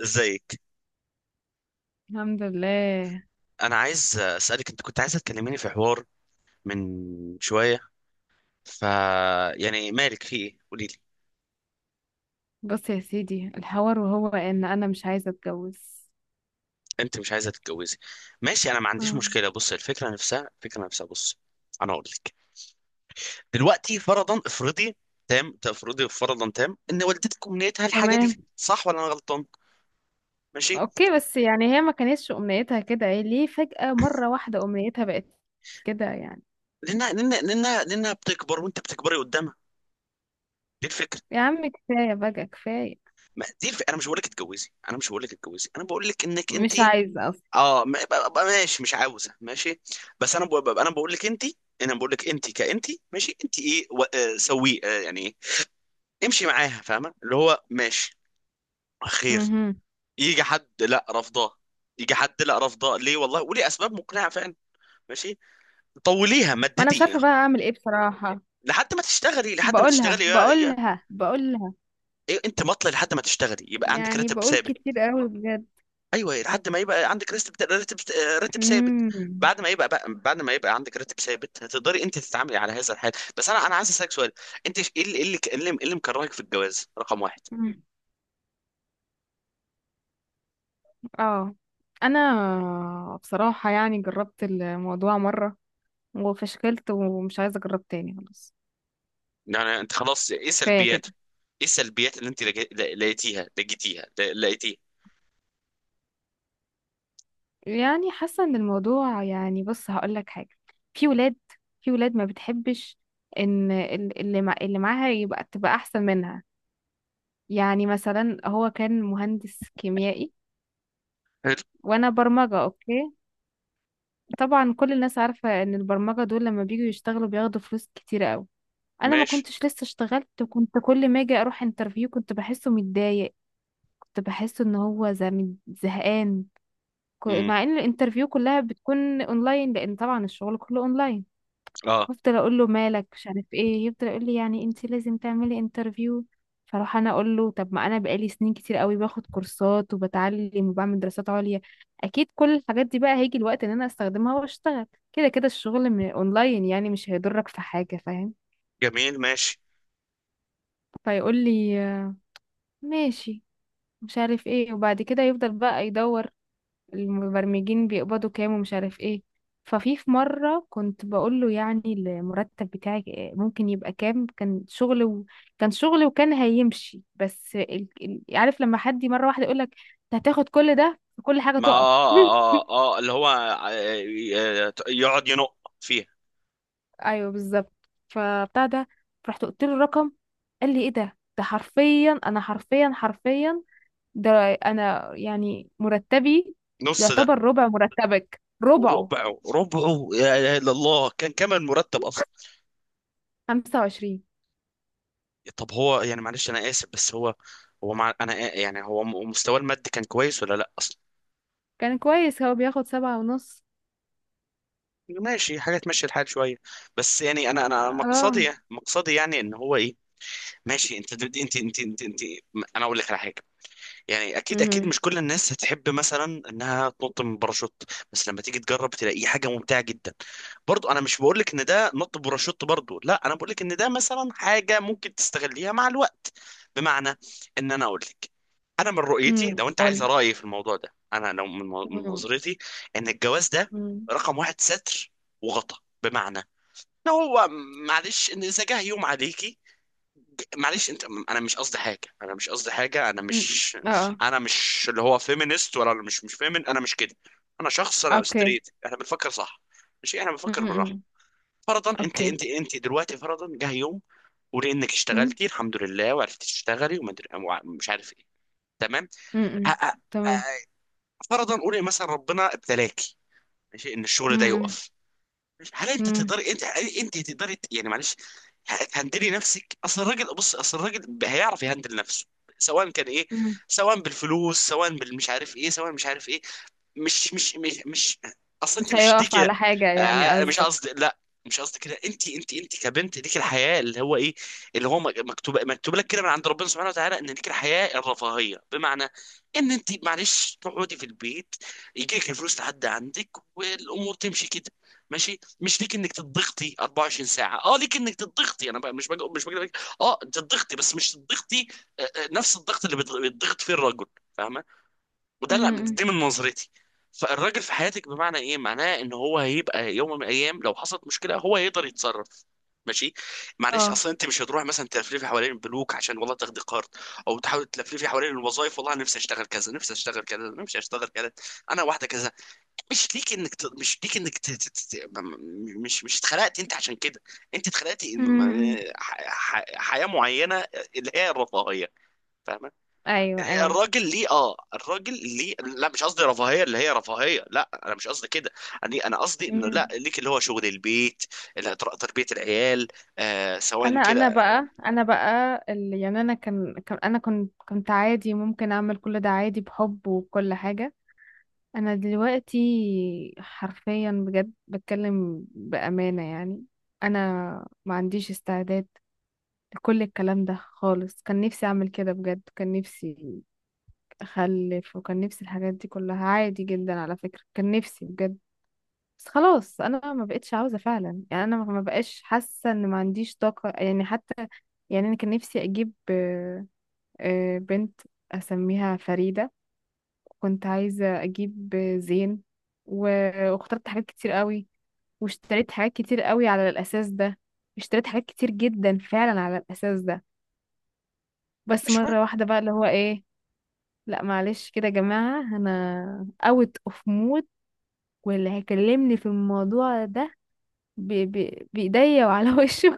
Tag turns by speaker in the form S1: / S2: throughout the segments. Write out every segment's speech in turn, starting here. S1: ازيك؟
S2: الحمد لله.
S1: انا عايز اسالك، انت كنت عايزه تكلميني في حوار من شويه، ف يعني مالك؟ في ايه؟ قولي لي.
S2: بص يا سيدي، الحوار وهو ان انا مش عايزه اتجوز.
S1: انت مش عايزه تتجوزي؟ ماشي، انا ما عنديش
S2: اه،
S1: مشكله. بص، الفكره نفسها، بص، انا اقول لك. دلوقتي فرضا، افرضي تام، تفرضي فرضا تام ان والدتك امنيتها الحاجه دي.
S2: تمام.
S1: صح ولا انا غلطان؟ ماشي،
S2: اوكي، بس يعني هي ما كانتش امنيتها كده، ايه ليه فجأة مرة واحدة امنيتها بقت كده يعني؟
S1: لانها بتكبر وانت بتكبري قدامها. دي الفكره.
S2: يا عم كفايه بقى كفايه.
S1: ما دي انا مش بقول لك اتجوزي، انا مش بقول لك اتجوزي انا بقول لك انك انت.
S2: مش عايزه اصلا.
S1: اه، ماشي، مش عاوزه، ماشي. بس انا انا بقول لك انت. انا بقول لك انت كانت ماشي. انت ايه؟ سويه يعني إيه؟ امشي معاها، فاهمه؟ اللي هو ماشي، خير.
S2: مهم.
S1: يجي حد لا رفضاه، يجي حد لا رفضاه ليه والله، وليه اسباب مقنعه فعلا. ماشي، طوليها،
S2: ما انا مش
S1: مددي
S2: عارفه بقى اعمل ايه بصراحه.
S1: لحد ما تشتغلي،
S2: بقولها
S1: يا
S2: بقولها بقولها،
S1: إيه انت؟ مطلع لحد ما تشتغلي، يبقى عندك
S2: يعني
S1: راتب
S2: بقول
S1: ثابت.
S2: كتير قوي بجد.
S1: ايوه، لحد ما يبقى عندك راتب راتب ثابت.
S2: مم.
S1: بعد ما يبقى بعد ما يبقى عندك راتب ثابت، هتقدري انت تتعاملي على هذا الحال. بس انا عايز اسالك سؤال. انت ش- ايه اللي ايه اللي إيه اللي إيه اللي مكرهك في الجواز رقم واحد؟
S2: مم. اه. انا بصراحه يعني جربت الموضوع مره وفشكلت ومش عايزة أجرب تاني خلاص.
S1: يعني انت خلاص ايه
S2: كفاية
S1: سلبياته؟
S2: كده.
S1: ايه السلبيات اللي انت لقي- لا- لقيتيها لقيتيها لا- لقيتيها؟
S2: يعني حاسة إن الموضوع يعني بص هقولك حاجة. في ولاد في ولاد ما بتحبش إن اللي معاها تبقى أحسن منها. يعني مثلا هو كان مهندس كيميائي،
S1: حلو،
S2: وأنا برمجة. أوكي، طبعا كل الناس عارفة إن البرمجة دول لما بييجوا يشتغلوا بياخدوا فلوس كتيرة أوي. أنا ما
S1: ماشي.
S2: كنتش لسه اشتغلت، وكنت كل ما أجي أروح انترفيو كنت بحسه متضايق. كنت بحسه إن هو زهقان.
S1: امم،
S2: مع ان الانترفيو كلها بتكون اونلاين، لان طبعا الشغل كله اونلاين.
S1: اه،
S2: بفضل اقول له مالك مش عارف ايه، يفضل يقول لي يعني انت لازم تعملي انترفيو. فاروح انا اقول له طب ما انا بقالي سنين كتير قوي باخد كورسات وبتعلم وبعمل دراسات عليا، اكيد كل الحاجات دي بقى هيجي الوقت ان انا استخدمها واشتغل، كده كده الشغل من اونلاين يعني مش هيضرك في حاجة فاهم.
S1: جميل ماشي.
S2: فيقول لي ماشي، مش عارف ايه. وبعد كده يفضل بقى يدور المبرمجين بيقبضوا كام ومش عارف ايه. ففي مرة كنت بقول له يعني المرتب بتاعك ممكن يبقى كام، كان شغل كان شغل وكان هيمشي، بس عارف لما حد مرة واحدة يقول لك انت هتاخد كل ده، كل حاجة
S1: ما
S2: تقف.
S1: اه، اللي هو يقعد ينق فيها.
S2: ايوه بالظبط، فبتاع ده رحت قلت له الرقم. قال لي ايه ده، ده حرفيا، انا حرفيا حرفيا ده، انا يعني مرتبي
S1: نص ده؟
S2: يعتبر ربع مرتبك، ربعه
S1: ربعه، يا إله إلا الله، كان كمان مرتب.
S2: 25.
S1: طب هو يعني معلش، انا اسف، بس هو، هو مع انا مستواه المادي كان كويس ولا لا اصلا؟
S2: كان كويس، هو بياخد سبعة ونص.
S1: ماشي، حاجه تمشي الحال شويه. بس يعني انا
S2: اه.
S1: مقصدي يعني ان هو ايه. ماشي، انت، انا اقول لك على حاجه. يعني اكيد
S2: امم.
S1: مش كل الناس هتحب مثلا انها تنط من باراشوت، بس لما تيجي تجرب، تلاقيه حاجه ممتعه جدا. برضو انا مش بقول لك ان ده نط باراشوت، برضو لا، انا بقول لك ان ده مثلا حاجه ممكن تستغليها مع الوقت. بمعنى، ان انا اقول لك انا من رؤيتي، لو انت عايز
S2: قولي.
S1: رايي في الموضوع ده، انا لو من
S2: امم.
S1: نظرتي، ان الجواز ده
S2: امم.
S1: رقم واحد ستر وغطا. بمعنى ان هو، معلش، ان اذا جه يوم عليكي، معلش، انت، انا مش قصدي حاجه انا مش،
S2: اه. آه.
S1: انا مش اللي هو فيمينست ولا مش فيمين، انا مش كده. انا شخص، انا
S2: اوكي.
S1: ستريت، احنا بنفكر صح. ماشي، احنا بنفكر بالراحه.
S2: امم.
S1: فرضا، انت
S2: اوكي.
S1: انت انت دلوقتي، فرضا جه يوم، ولانك
S2: امم.
S1: اشتغلتي الحمد لله وعرفتي تشتغلي، مش عارف ايه. تمام. ه-
S2: امم.
S1: ه-
S2: تمام.
S1: ه- فرضا قولي مثلا ربنا ابتلاكي، ماشي، ان الشغل ده
S2: امم.
S1: يقف. هل انت
S2: امم.
S1: تقدري؟ انت هل انت تقدري يعني معلش، تهندلي نفسك؟ اصل الراجل، بص، اصل الراجل هيعرف يهندل نفسه. سواء كان ايه، سواء بالفلوس، سواء بالمش عارف ايه، سواء مش عارف ايه. مش مش مش مش اصل انت
S2: مش
S1: مش دي
S2: هيقف
S1: كده.
S2: على حاجة يعني
S1: مش
S2: قصدك؟
S1: قصدي لا، مش قصدي كده. انت، كبنت ليك الحياه، اللي هو ايه، اللي هو مكتوب، مكتوب لك كده من عند ربنا سبحانه وتعالى، ان ليك الحياه الرفاهيه. بمعنى ان انت معلش تقعدي في البيت، يجي لك الفلوس لحد عندك، والامور تمشي كده. ماشي، مش ليك انك تضغطي 24 ساعه. اه، ليك انك تضغطي، انا بقى مش بقى مش بقى اه تضغطي، بس مش تضغطي نفس الضغط اللي بيضغط فيه الرجل. فاهمه؟ وده لا،
S2: امم.
S1: دي من نظرتي. فالراجل في حياتك بمعنى ايه؟ معناه ان هو هيبقى يوم من الايام، لو حصلت مشكله، هو هيقدر يتصرف. ماشي، معلش،
S2: اه.
S1: اصلا انت مش هتروح مثلا تلفلفي حوالين البنوك عشان والله تاخدي قرض، او تحاول تلفلفي حوالين الوظائف، والله أنا نفسي اشتغل كذا، نفسي اشتغل كذا، نفسي اشتغل كذا، انا واحده كذا. مش ليك انك ت... مش ليك انك ت... ت... ت... م- مش مش اتخلقت انت عشان كده. انت اتخلقتي
S2: امم.
S1: حياه معينه، اللي هي الرفاهيه. فاهمه؟
S2: ايوه، ايوه.
S1: الراجل ليه، اه الراجل ليه، لا مش قصدي رفاهيه اللي هي رفاهيه، لا انا مش قصدي كده. انا قصدي انه لا،
S2: امم.
S1: ليك اللي هو شغل البيت، تربيه العيال، آه، سواء
S2: انا
S1: كده.
S2: بقى انا بقى اللي، يعني انا كان انا كنت عادي، ممكن اعمل كل ده عادي بحب وكل حاجة. انا دلوقتي حرفيا بجد بتكلم بأمانة، يعني انا ما عنديش استعداد لكل الكلام ده خالص. كان نفسي اعمل كده بجد، كان نفسي اخلف، وكان نفسي الحاجات دي كلها عادي جدا على فكرة، كان نفسي بجد. بس خلاص انا ما بقتش عاوزة فعلا، يعني انا ما بقاش حاسة، ان ما عنديش طاقة يعني حتى. يعني انا كان نفسي اجيب بنت اسميها فريدة، كنت عايزة أجيب زين. و- واخترت حاجات كتير قوي، واشتريت حاجات كتير قوي على الأساس ده، اشتريت حاجات كتير جدا فعلا على الأساس ده. بس
S1: مش ما,
S2: مرة واحدة بقى اللي هو إيه، لا معلش كده يا جماعة، أنا اوت اوف مود، واللي هيكلمني في الموضوع ده بإيديا وعلى وشه.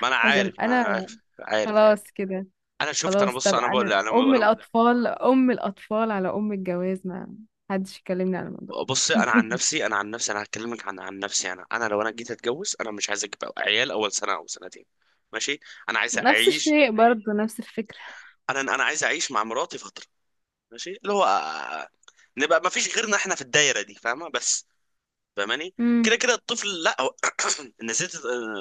S1: ما انا
S2: عشان
S1: عارف، ما أنا
S2: أنا
S1: عارف عارف عارف.
S2: خلاص كده.
S1: انا شفت، انا
S2: خلاص،
S1: بص،
S2: طب
S1: انا بقول،
S2: أنا
S1: انا
S2: أم
S1: انا
S2: الأطفال أم الأطفال على أم الجواز، ما حدش يكلمني على الموضوع.
S1: بص، انا عن نفسي، انا هكلمك عن نفسي. انا، لو انا جيت اتجوز، انا مش عايز اجيب عيال اول سنه او سنتين. ماشي، انا عايز
S2: نفس
S1: اعيش.
S2: الشيء برضو، نفس الفكرة.
S1: انا عايز اعيش مع مراتي، ماشي، اللي هو نبقى ما فيش غيرنا احنا في الدايره دي. فاهمه؟ بس، فاهماني؟
S2: امم.
S1: كده كده الطفل، لا هو نسيت.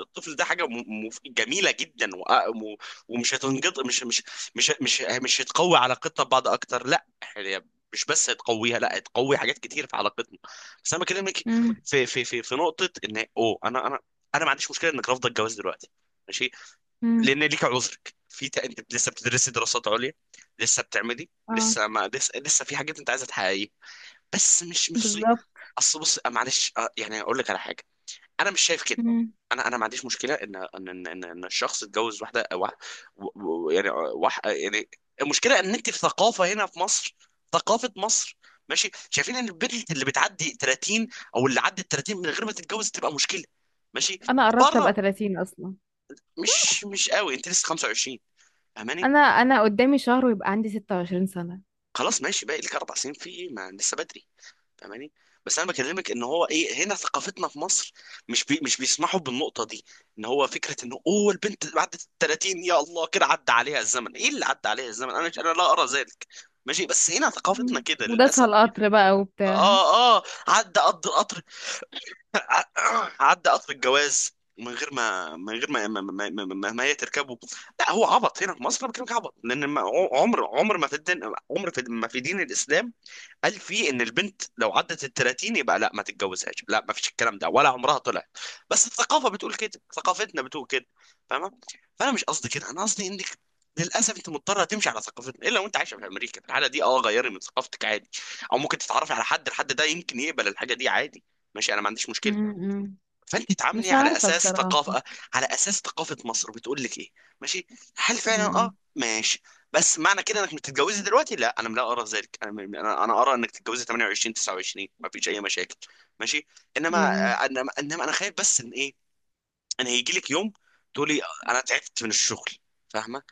S1: الطفل ده حاجه جميله جدا، ومش هتنقط، مش مش مش مش مش هتقوي علاقتنا ببعض اكتر. لا، هي مش بس هتقويها، لا هتقوي حاجات كتير في علاقتنا. بس انا بكلمك
S2: امم.
S1: في نقطه، ان اوه، انا انا ما عنديش مشكله انك رافضه الجواز دلوقتي. ماشي،
S2: امم.
S1: لان ليك عذرك في انت لسه بتدرسي دراسات عليا، لسه بتعملي،
S2: اه،
S1: لسه ما لسه في حاجات انت عايزه تحققيها. بس مش
S2: بالظبط.
S1: اصل بص، معلش، يعني اقول لك على حاجه. انا مش شايف كده.
S2: امم.
S1: انا ما عنديش مشكله ان إن الشخص يتجوز واحده أو واحد و- يعني واحد يعني. المشكله ان انت في ثقافه هنا في مصر، ثقافه مصر، ماشي، شايفين ان البنت اللي بتعدي 30، او اللي عدت 30 من غير ما تتجوز، تبقى مشكله. ماشي،
S2: انا قربت ابقى
S1: بره،
S2: 30 اصلا،
S1: مش مش قوي، انت لسه 25.
S2: انا قدامي شهر ويبقى عندي 26 سنة.
S1: خلاص، ماشي، باقي لك اربع سنين، في ايه؟ ما لسه بدري. فاهماني؟ بس انا بكلمك ان هو ايه، هنا ثقافتنا في مصر مش بيسمحوا بالنقطه دي. ان هو فكره انه اوه، البنت بعد ال 30 يا الله، كده عدى عليها الزمن. ايه اللي عدى عليها الزمن؟ انا مش، انا لا ارى ذلك. ماشي، بس هنا ثقافتنا
S2: امم،
S1: كده
S2: وداسها
S1: للاسف.
S2: القطر بقى وبتاع.
S1: اه، اه، عدى قطر، عدى قطر الجواز من غير ما، ما هي تركبه. لا، هو عبط هنا في مصر، انا بكلمك عبط، لان عمر، ما في الدين، في ما في دين الاسلام قال فيه ان البنت لو عدت ال 30 يبقى لا ما تتجوزهاش، لا ما فيش الكلام ده، ولا عمرها طلعت. بس الثقافه بتقول كده، ثقافتنا بتقول كده. فاهمه؟ فانا مش قصدي كده، انا قصدي انك للاسف انت مضطره تمشي على ثقافتنا، الا وانت عايشه في امريكا، في الحاله دي اه غيري من ثقافتك عادي، او ممكن تتعرفي على حد، الحد ده يمكن يقبل الحاجه دي عادي. ماشي، انا ما عنديش مشكله.
S2: امم،
S1: فانت تعاملني
S2: مش
S1: على
S2: عارفة
S1: اساس
S2: بصراحة.
S1: ثقافه، على اساس ثقافه مصر بتقول لك ايه. ماشي، هل فعلا
S2: امم.
S1: اه ماشي؟ بس معنى كده انك بتتجوزي دلوقتي، لا انا لا ارى ذلك. انا ارى انك تتجوزي 28 29، ما فيش اي مشاكل. ماشي، انما
S2: امم.
S1: انما انا خايف بس ان ايه، انا هيجي لك يوم تقولي انا تعبت من الشغل، فاهمه،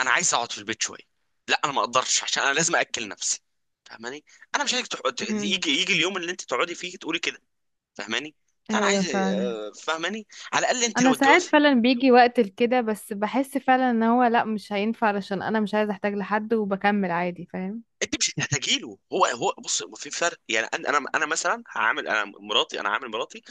S1: انا عايز اقعد في البيت شويه. لا انا ما اقدرش عشان انا لازم اكل نفسي. فاهماني؟ انا مش عايزك
S2: امم.
S1: يجي اليوم اللي انت تقعدي فيه تقولي كده. فاهماني؟ لا انا
S2: ايوه
S1: عايز،
S2: فعلا.
S1: فاهماني؟ على الاقل انت
S2: انا
S1: لو
S2: ساعات
S1: اتجوزت،
S2: فعلا بيجي وقت لكده، بس بحس فعلا ان هو لا مش هينفع، علشان انا مش عايزة احتاج لحد وبكمل عادي فاهم.
S1: انت مش هتحتاجي له. هو، هو بص، في فرق. يعني انا مثلا هعامل، انا مراتي انا عامل مراتي،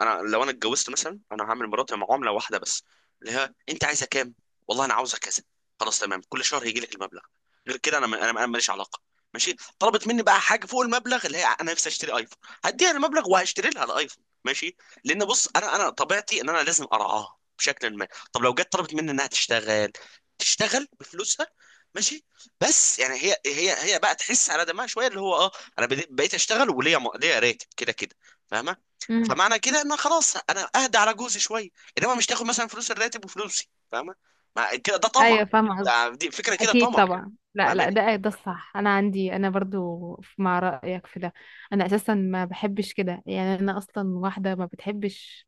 S1: انا لو انا اتجوزت مثلا انا هعمل مراتي معامله واحده بس، اللي هي انت عايزه كام؟ والله انا عاوزه كذا. خلاص تمام، كل شهر هيجي لك المبلغ. غير كده انا ماليش علاقه. ماشي، طلبت مني بقى حاجه فوق المبلغ، اللي هي انا نفسي اشتري ايفون، هديها المبلغ وهشتري لها الايفون. ماشي، لان بص، انا، طبيعتي ان انا لازم ارعاها بشكل ما. طب لو جت طلبت مني انها تشتغل، تشتغل بفلوسها، ماشي، بس يعني هي بقى تحس على دمها شويه، اللي هو اه انا بقيت اشتغل وليا ليا راتب كده كده. فاهمه؟
S2: امم.
S1: فمعنى كده ان خلاص انا اهدى على جوزي شويه، انما مش تاخد مثلا فلوس الراتب وفلوسي. فاهمه؟ مع كده ده طمع.
S2: ايوه، فاهمة.
S1: ده، دي فكره كده
S2: اكيد
S1: طمع.
S2: طبعا، لا لا،
S1: فاهماني؟
S2: ده ده الصح. انا عندي انا برضو مع رايك في ده. انا اساسا ما بحبش كده، يعني انا اصلا واحده ما بتحبش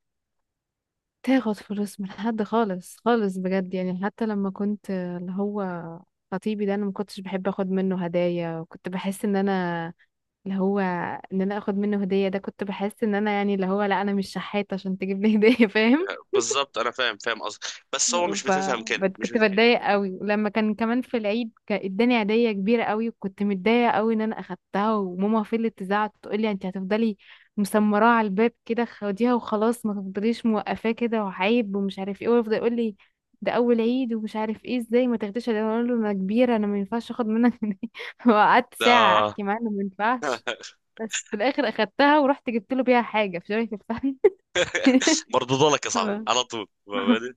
S2: تاخد فلوس من حد خالص خالص بجد. يعني حتى لما كنت اللي هو خطيبي ده، انا ما كنتش بحب اخد منه هدايا، وكنت بحس ان انا اللي هو ان انا اخد منه هديه ده، كنت بحس ان انا يعني اللي هو، لا انا مش شحاته عشان تجيب لي هديه، فاهم
S1: بالظبط، انا فاهم، قصدك. بس هو مش
S2: ف
S1: بتفهم كده، مش
S2: كنت
S1: بتفهم.
S2: بتضايق قوي. ولما كان كمان في العيد، كان اداني هديه كبيره قوي، وكنت متضايقه قوي ان انا اخدتها، وماما فضلت تزعق تقول لي انت هتفضلي مسمراه على الباب كده، خديها وخلاص، ما تفضليش موقفاه كده وعيب ومش عارف ايه، ويفضل يقول لي ده اول عيد ومش عارف ايه ازاي ما تاخديش هديه. اقول له انا كبيره، انا ما ينفعش اخد منك هدية. وقعدت ساعه
S1: ده
S2: احكي معاه إنه ما ينفعش. بس في الاخر اخدتها، ورحت جبت له بيها حاجه في شبكه الفن.
S1: مردود لك يا صاحبي
S2: آه.
S1: على طول. فاهماني؟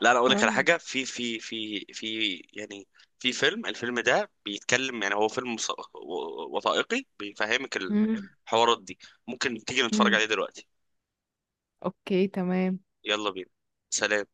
S1: لا انا اقول لك على
S2: آه.
S1: حاجه، في يعني في فيلم، الفيلم ده بيتكلم يعني، هو فيلم وثائقي، بيفهمك
S2: مم.
S1: الحوارات دي. ممكن تيجي نتفرج
S2: مم.
S1: عليه دلوقتي.
S2: اوكي، تمام.
S1: يلا بينا. سلام.